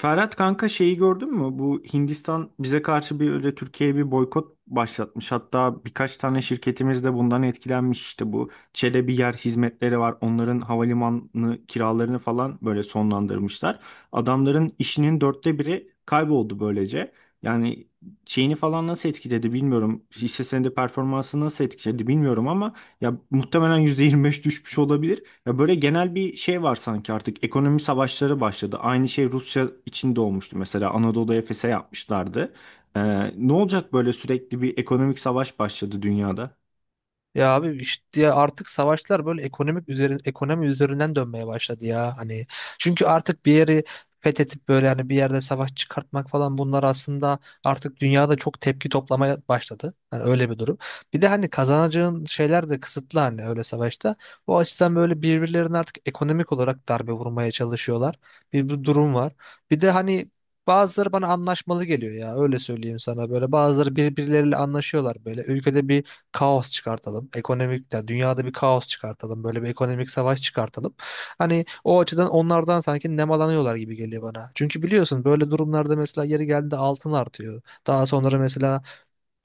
Ferhat kanka şeyi gördün mü? Bu Hindistan bize karşı bir öyle Türkiye'ye bir boykot başlatmış. Hatta birkaç tane şirketimiz de bundan etkilenmiş. İşte bu çelebi yer hizmetleri var. Onların havalimanı kiralarını falan böyle sonlandırmışlar. Adamların işinin dörtte biri kayboldu böylece. Yani şeyini falan nasıl etkiledi bilmiyorum. Hisse senedi performansı nasıl etkiledi bilmiyorum ama ya muhtemelen %25 düşmüş olabilir. Ya böyle genel bir şey var sanki artık ekonomi savaşları başladı. Aynı şey Rusya içinde olmuştu, mesela Anadolu Efes'e yapmışlardı. Ee, Ne olacak, böyle sürekli bir ekonomik savaş başladı dünyada? Ya abi işte ya artık savaşlar böyle ekonomi üzerinden dönmeye başladı ya. Hani çünkü artık bir yeri fethedip böyle hani bir yerde savaş çıkartmak falan bunlar aslında artık dünyada çok tepki toplamaya başladı. Hani öyle bir durum. Bir de hani kazanacağın şeyler de kısıtlı hani öyle savaşta. O açıdan böyle birbirlerine artık ekonomik olarak darbe vurmaya çalışıyorlar. Bir durum var. Bir de hani bazıları bana anlaşmalı geliyor ya, öyle söyleyeyim sana, böyle bazıları birbirleriyle anlaşıyorlar, böyle ülkede kaos çıkartalım. Ekonomik, yani dünyada bir kaos çıkartalım. Böyle bir ekonomik savaş çıkartalım. Hani o açıdan onlardan sanki nemalanıyorlar gibi geliyor bana. Çünkü biliyorsun böyle durumlarda mesela yeri geldiğinde altın artıyor. Daha sonra mesela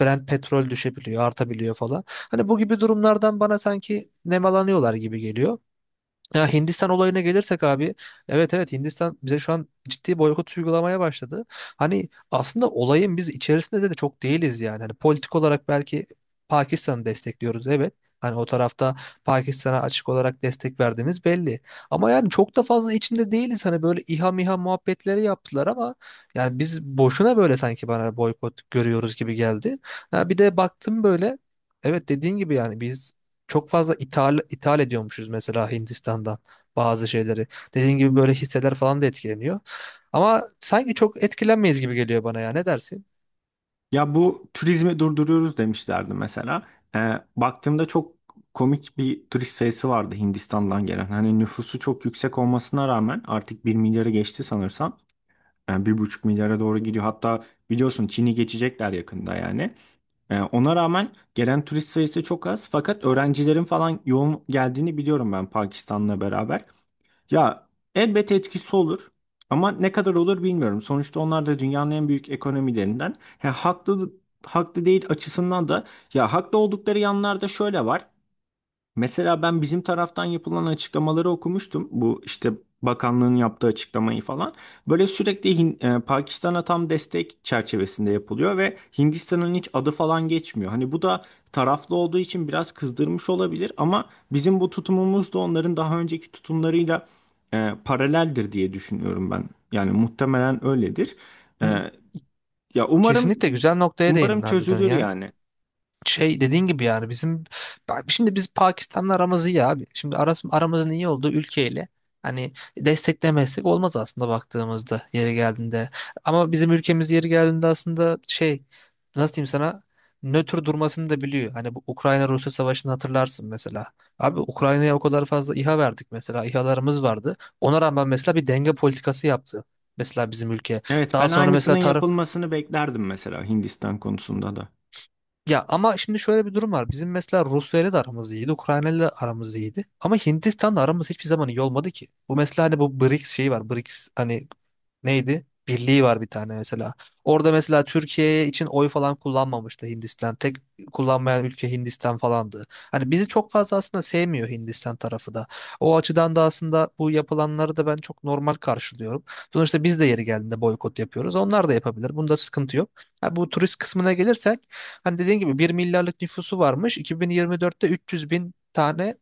Brent petrol düşebiliyor, artabiliyor falan. Hani bu gibi durumlardan bana sanki nemalanıyorlar gibi geliyor. Ya Hindistan olayına gelirsek abi, evet evet, Hindistan bize şu an ciddi boykot uygulamaya başladı. Hani aslında olayın biz içerisinde de çok değiliz yani. Hani politik olarak belki Pakistan'ı destekliyoruz, evet. Hani o tarafta Pakistan'a açık olarak destek verdiğimiz belli. Ama yani çok da fazla içinde değiliz. Hani böyle İHA MİHA muhabbetleri yaptılar ama yani biz boşuna böyle sanki, bana boykot görüyoruz gibi geldi. Ha, bir de baktım böyle, evet, dediğin gibi yani biz çok fazla ithal ediyormuşuz mesela Hindistan'dan bazı şeyleri. Dediğin gibi böyle hisseler falan da etkileniyor. Ama sanki çok etkilenmeyiz gibi geliyor bana ya. Ne dersin? Ya bu turizmi durduruyoruz demişlerdi mesela. Baktığımda çok komik bir turist sayısı vardı Hindistan'dan gelen. Hani nüfusu çok yüksek olmasına rağmen artık bir milyarı geçti sanırsam. Yani bir buçuk milyara doğru gidiyor. Hatta biliyorsun Çin'i geçecekler yakında yani. Ona rağmen gelen turist sayısı çok az fakat öğrencilerin falan yoğun geldiğini biliyorum ben Pakistan'la beraber. Ya elbet etkisi olur ama ne kadar olur bilmiyorum. Sonuçta onlar da dünyanın en büyük ekonomilerinden. Ha, haklı değil açısından da ya haklı oldukları yanlarda şöyle var. Mesela ben bizim taraftan yapılan açıklamaları okumuştum. Bu işte bakanlığın yaptığı açıklamayı falan. Böyle sürekli Pakistan'a tam destek çerçevesinde yapılıyor ve Hindistan'ın hiç adı falan geçmiyor. Hani bu da taraflı olduğu için biraz kızdırmış olabilir ama bizim bu tutumumuz da onların daha önceki tutumlarıyla paraleldir diye düşünüyorum ben. Yani muhtemelen öyledir. Hı. E, Ya umarım Kesinlikle güzel noktaya değindin umarım harbiden çözülür ya. yani. Şey, dediğin gibi yani bizim, bak şimdi biz Pakistan'la aramız iyi abi. Şimdi aramızın iyi olduğu ülkeyle hani desteklemezsek olmaz aslında, baktığımızda yeri geldiğinde. Ama bizim ülkemiz yeri geldiğinde aslında şey, nasıl diyeyim sana, nötr durmasını da biliyor. Hani bu Ukrayna-Rusya savaşını hatırlarsın mesela. Abi Ukrayna'ya o kadar fazla İHA verdik mesela. İHA'larımız vardı. Ona rağmen mesela bir denge politikası yaptı. Mesela bizim ülke. Evet, Daha ben sonra aynısının mesela tarım, yapılmasını beklerdim mesela Hindistan konusunda da. ya ama şimdi şöyle bir durum var. Bizim mesela Rusya ile de aramız iyiydi, Ukrayna ile de aramız iyiydi. Ama Hindistan'la aramız hiçbir zaman iyi olmadı ki. Bu mesela hani bu BRICS şeyi var. BRICS hani neydi? Birliği var bir tane mesela. Orada mesela Türkiye için oy falan kullanmamıştı Hindistan. Tek kullanmayan ülke Hindistan falandı. Hani bizi çok fazla aslında sevmiyor Hindistan tarafı da. O açıdan da aslında bu yapılanları da ben çok normal karşılıyorum. Sonuçta biz de yeri geldiğinde boykot yapıyoruz. Onlar da yapabilir. Bunda sıkıntı yok. Ha, bu turist kısmına gelirsek, hani dediğin gibi bir milyarlık nüfusu varmış. 2024'te 300 bin tane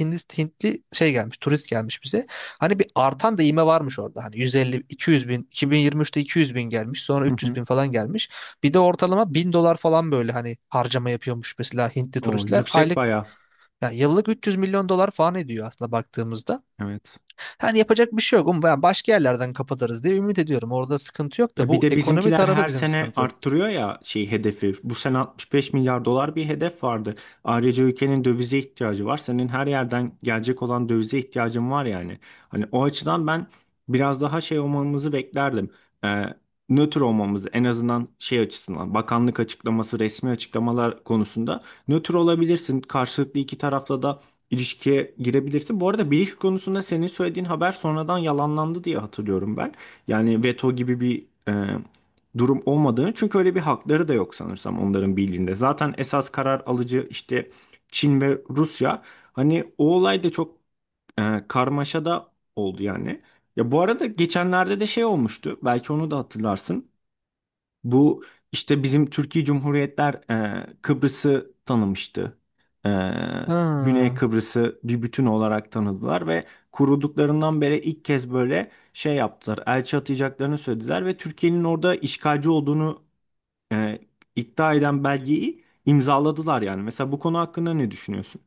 Hintli şey gelmiş, turist gelmiş bize. Hani bir artan da ivme varmış orada. Hani 150, 200 bin, 2023'te 200 bin gelmiş. Sonra Hı 300 hı. bin falan gelmiş. Bir de ortalama 1000 dolar falan böyle hani harcama yapıyormuş mesela Hintli O turistler. yüksek Aylık, bayağı. yani yıllık 300 milyon dolar falan ediyor aslında baktığımızda. Evet. Hani yapacak bir şey yok. Ama ben başka yerlerden kapatırız diye ümit ediyorum. Orada sıkıntı yok da Ya bir bu de ekonomi bizimkiler tarafı her bizim sene sıkıntı. arttırıyor ya şey hedefi. Bu sene 65 milyar dolar bir hedef vardı. Ayrıca ülkenin dövize ihtiyacı var. Senin her yerden gelecek olan dövize ihtiyacın var yani. Hani o açıdan ben biraz daha şey olmamızı beklerdim. Ee, Nötr olmamızı, en azından şey açısından, bakanlık açıklaması, resmi açıklamalar konusunda nötr olabilirsin. Karşılıklı iki tarafla da ilişkiye girebilirsin. Bu arada bilgi konusunda senin söylediğin haber sonradan yalanlandı diye hatırlıyorum ben. Yani veto gibi bir durum olmadığını, çünkü öyle bir hakları da yok sanırsam onların bildiğinde. Zaten esas karar alıcı işte Çin ve Rusya. Hani o olay da çok karmaşa da oldu yani. Ya bu arada geçenlerde de şey olmuştu. Belki onu da hatırlarsın. Bu işte bizim Türkiye Cumhuriyetler Kıbrıs'ı tanımıştı. E, Güney Ha. Kıbrıs'ı bir bütün olarak tanıdılar ve kurulduklarından beri ilk kez böyle şey yaptılar. Elçi atayacaklarını söylediler ve Türkiye'nin orada işgalci olduğunu e, iddia eden belgeyi imzaladılar yani. Mesela bu konu hakkında ne düşünüyorsun?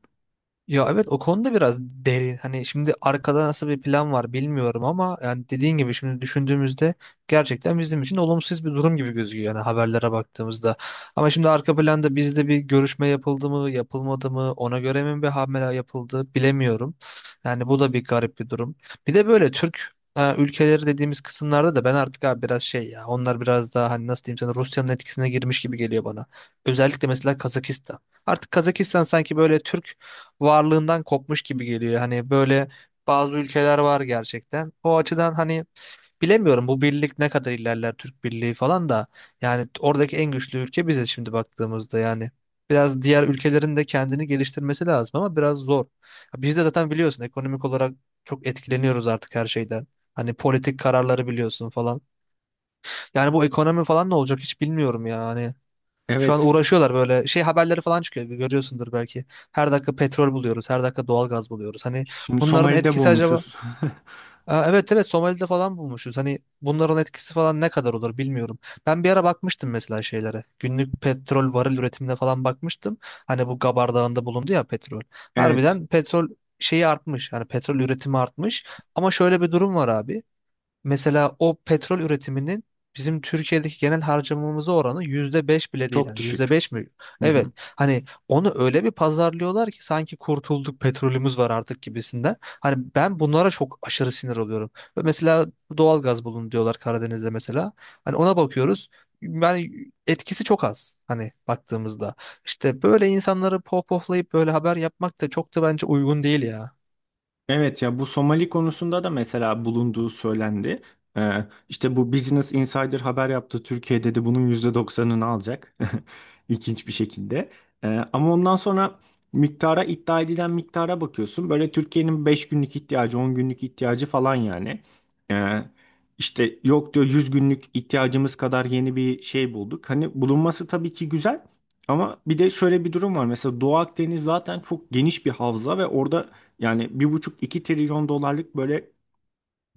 Ya evet, o konuda biraz derin. Hani şimdi arkada nasıl bir plan var bilmiyorum ama yani dediğin gibi şimdi düşündüğümüzde gerçekten bizim için olumsuz bir durum gibi gözüküyor yani haberlere baktığımızda. Ama şimdi arka planda bizde bir görüşme yapıldı mı, yapılmadı mı, ona göre mi bir hamle yapıldı bilemiyorum. Yani bu da bir garip bir durum. Bir de böyle ülkeleri dediğimiz kısımlarda da ben artık abi biraz şey, ya onlar biraz daha hani nasıl diyeyim sana, Rusya'nın etkisine girmiş gibi geliyor bana. Özellikle mesela Kazakistan. Artık Kazakistan sanki böyle Türk varlığından kopmuş gibi geliyor. Hani böyle bazı ülkeler var gerçekten. O açıdan hani bilemiyorum bu birlik ne kadar ilerler, Türk Birliği falan da. Yani oradaki en güçlü ülke bize şimdi baktığımızda yani. Biraz diğer ülkelerin de kendini geliştirmesi lazım ama biraz zor. Ya biz de zaten biliyorsun ekonomik olarak çok etkileniyoruz artık her şeyden. Hani politik kararları biliyorsun falan. Yani bu ekonomi falan ne olacak hiç bilmiyorum ya. Hani şu an Evet, uğraşıyorlar, böyle şey haberleri falan çıkıyor, görüyorsundur belki. Her dakika petrol buluyoruz, her dakika doğal gaz buluyoruz. Hani şimdi bunların Somali'de etkisi acaba? bulmuşuz. Aa, evet evet, Somali'de falan bulmuşuz. Hani bunların etkisi falan ne kadar olur bilmiyorum. Ben bir ara bakmıştım mesela şeylere. Günlük petrol varil üretimine falan bakmıştım. Hani bu Gabar Dağı'nda bulundu ya petrol. Evet, Harbiden petrol şeyi artmış. Hani petrol üretimi artmış. Ama şöyle bir durum var abi. Mesela o petrol üretiminin bizim Türkiye'deki genel harcamamıza oranı %5 bile değil. çok Yani yüzde düşük. beş mi? Evet. Hani onu öyle bir pazarlıyorlar ki sanki kurtulduk, petrolümüz var artık gibisinden. Hani ben bunlara çok aşırı sinir oluyorum. Ve mesela doğalgaz bulun diyorlar Karadeniz'de mesela. Hani ona bakıyoruz. Yani etkisi çok az hani baktığımızda. İşte böyle insanları pohpohlayıp böyle haber yapmak da çok da bence uygun değil ya. Evet ya, bu Somali konusunda da mesela bulunduğu söylendi. İşte bu Business Insider haber yaptı. Türkiye dedi bunun yüzde doksanını alacak. İlginç bir şekilde. Ama ondan sonra iddia edilen miktara bakıyorsun. Böyle Türkiye'nin 5 günlük ihtiyacı, 10 günlük ihtiyacı falan yani. Ee, işte yok diyor, 100 günlük ihtiyacımız kadar yeni bir şey bulduk. Hani bulunması tabii ki güzel. Ama bir de şöyle bir durum var. Mesela Doğu Akdeniz zaten çok geniş bir havza ve orada yani bir buçuk iki trilyon dolarlık böyle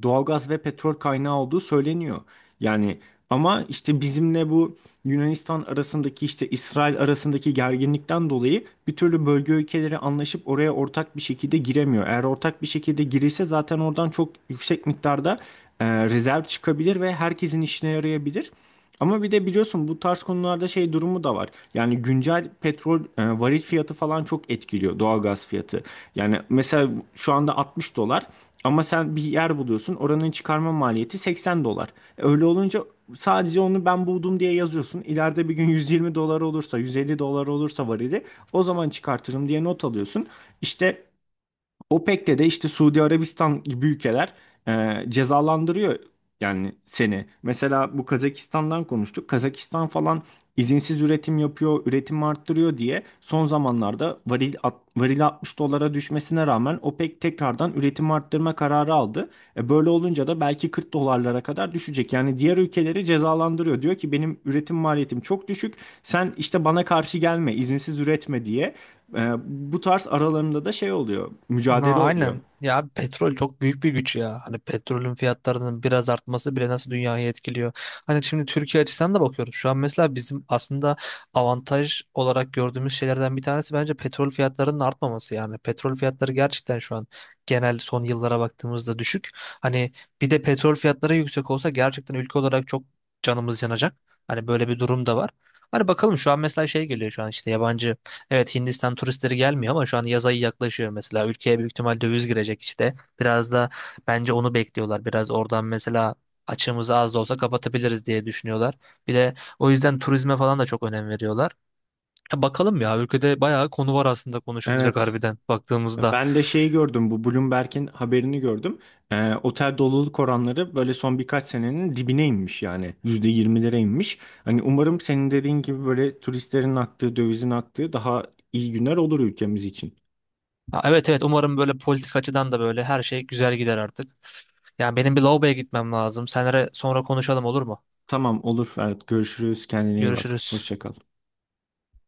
doğalgaz ve petrol kaynağı olduğu söyleniyor. Yani ama işte bizimle bu Yunanistan arasındaki, işte İsrail arasındaki gerginlikten dolayı bir türlü bölge ülkeleri anlaşıp oraya ortak bir şekilde giremiyor. Eğer ortak bir şekilde girilse zaten oradan çok yüksek miktarda rezerv çıkabilir ve herkesin işine yarayabilir. Ama bir de biliyorsun bu tarz konularda şey durumu da var. Yani güncel petrol varil fiyatı falan çok etkiliyor doğalgaz fiyatı. Yani mesela şu anda 60 dolar ama sen bir yer buluyorsun, oranın çıkarma maliyeti 80 dolar. E, öyle olunca sadece onu ben buldum diye yazıyorsun. İleride bir gün 120 dolar olursa, 150 dolar olursa varili o zaman çıkartırım diye not alıyorsun. İşte OPEC'te de işte Suudi Arabistan gibi ülkeler cezalandırıyor yani seni. Mesela bu Kazakistan'dan konuştuk. Kazakistan falan izinsiz üretim yapıyor, üretim arttırıyor diye son zamanlarda varil 60 dolara düşmesine rağmen OPEC tekrardan üretim arttırma kararı aldı. E, böyle olunca da belki 40 dolarlara kadar düşecek. Yani diğer ülkeleri cezalandırıyor. Diyor ki benim üretim maliyetim çok düşük. Sen işte bana karşı gelme, izinsiz üretme diye. Ee, Bu tarz aralarında da şey oluyor, Ha, mücadele oluyor. aynen ya abi, petrol çok büyük bir güç ya, hani petrolün fiyatlarının biraz artması bile nasıl dünyayı etkiliyor. Hani şimdi Türkiye açısından da bakıyoruz şu an mesela, bizim aslında avantaj olarak gördüğümüz şeylerden bir tanesi bence petrol fiyatlarının artmaması. Yani petrol fiyatları gerçekten şu an genel son yıllara baktığımızda düşük. Hani bir de petrol fiyatları yüksek olsa gerçekten ülke olarak çok canımız yanacak. Hani böyle bir durum da var. Hani bakalım, şu an mesela şey geliyor şu an işte, yabancı, evet Hindistan turistleri gelmiyor ama şu an yaz ayı yaklaşıyor mesela. Ülkeye büyük ihtimal döviz girecek işte. Biraz da bence onu bekliyorlar. Biraz oradan mesela açığımızı az da olsa kapatabiliriz diye düşünüyorlar. Bir de o yüzden turizme falan da çok önem veriyorlar. Ya bakalım ya, ülkede bayağı konu var aslında konuşulacak, Evet. harbiden baktığımızda. Ben de şeyi gördüm, bu Bloomberg'in haberini gördüm. Otel doluluk oranları böyle son birkaç senenin dibine inmiş yani. %20'lere inmiş. Hani umarım senin dediğin gibi böyle turistlerin aktığı, dövizin aktığı daha iyi günler olur ülkemiz için. Ha, evet evet, umarım böyle politik açıdan da böyle her şey güzel gider artık. Yani benim bir lavaboya gitmem lazım. Senere sonra konuşalım, olur mu? Tamam olur Ferhat, görüşürüz. Kendine iyi bak. Görüşürüz. Hoşça kal.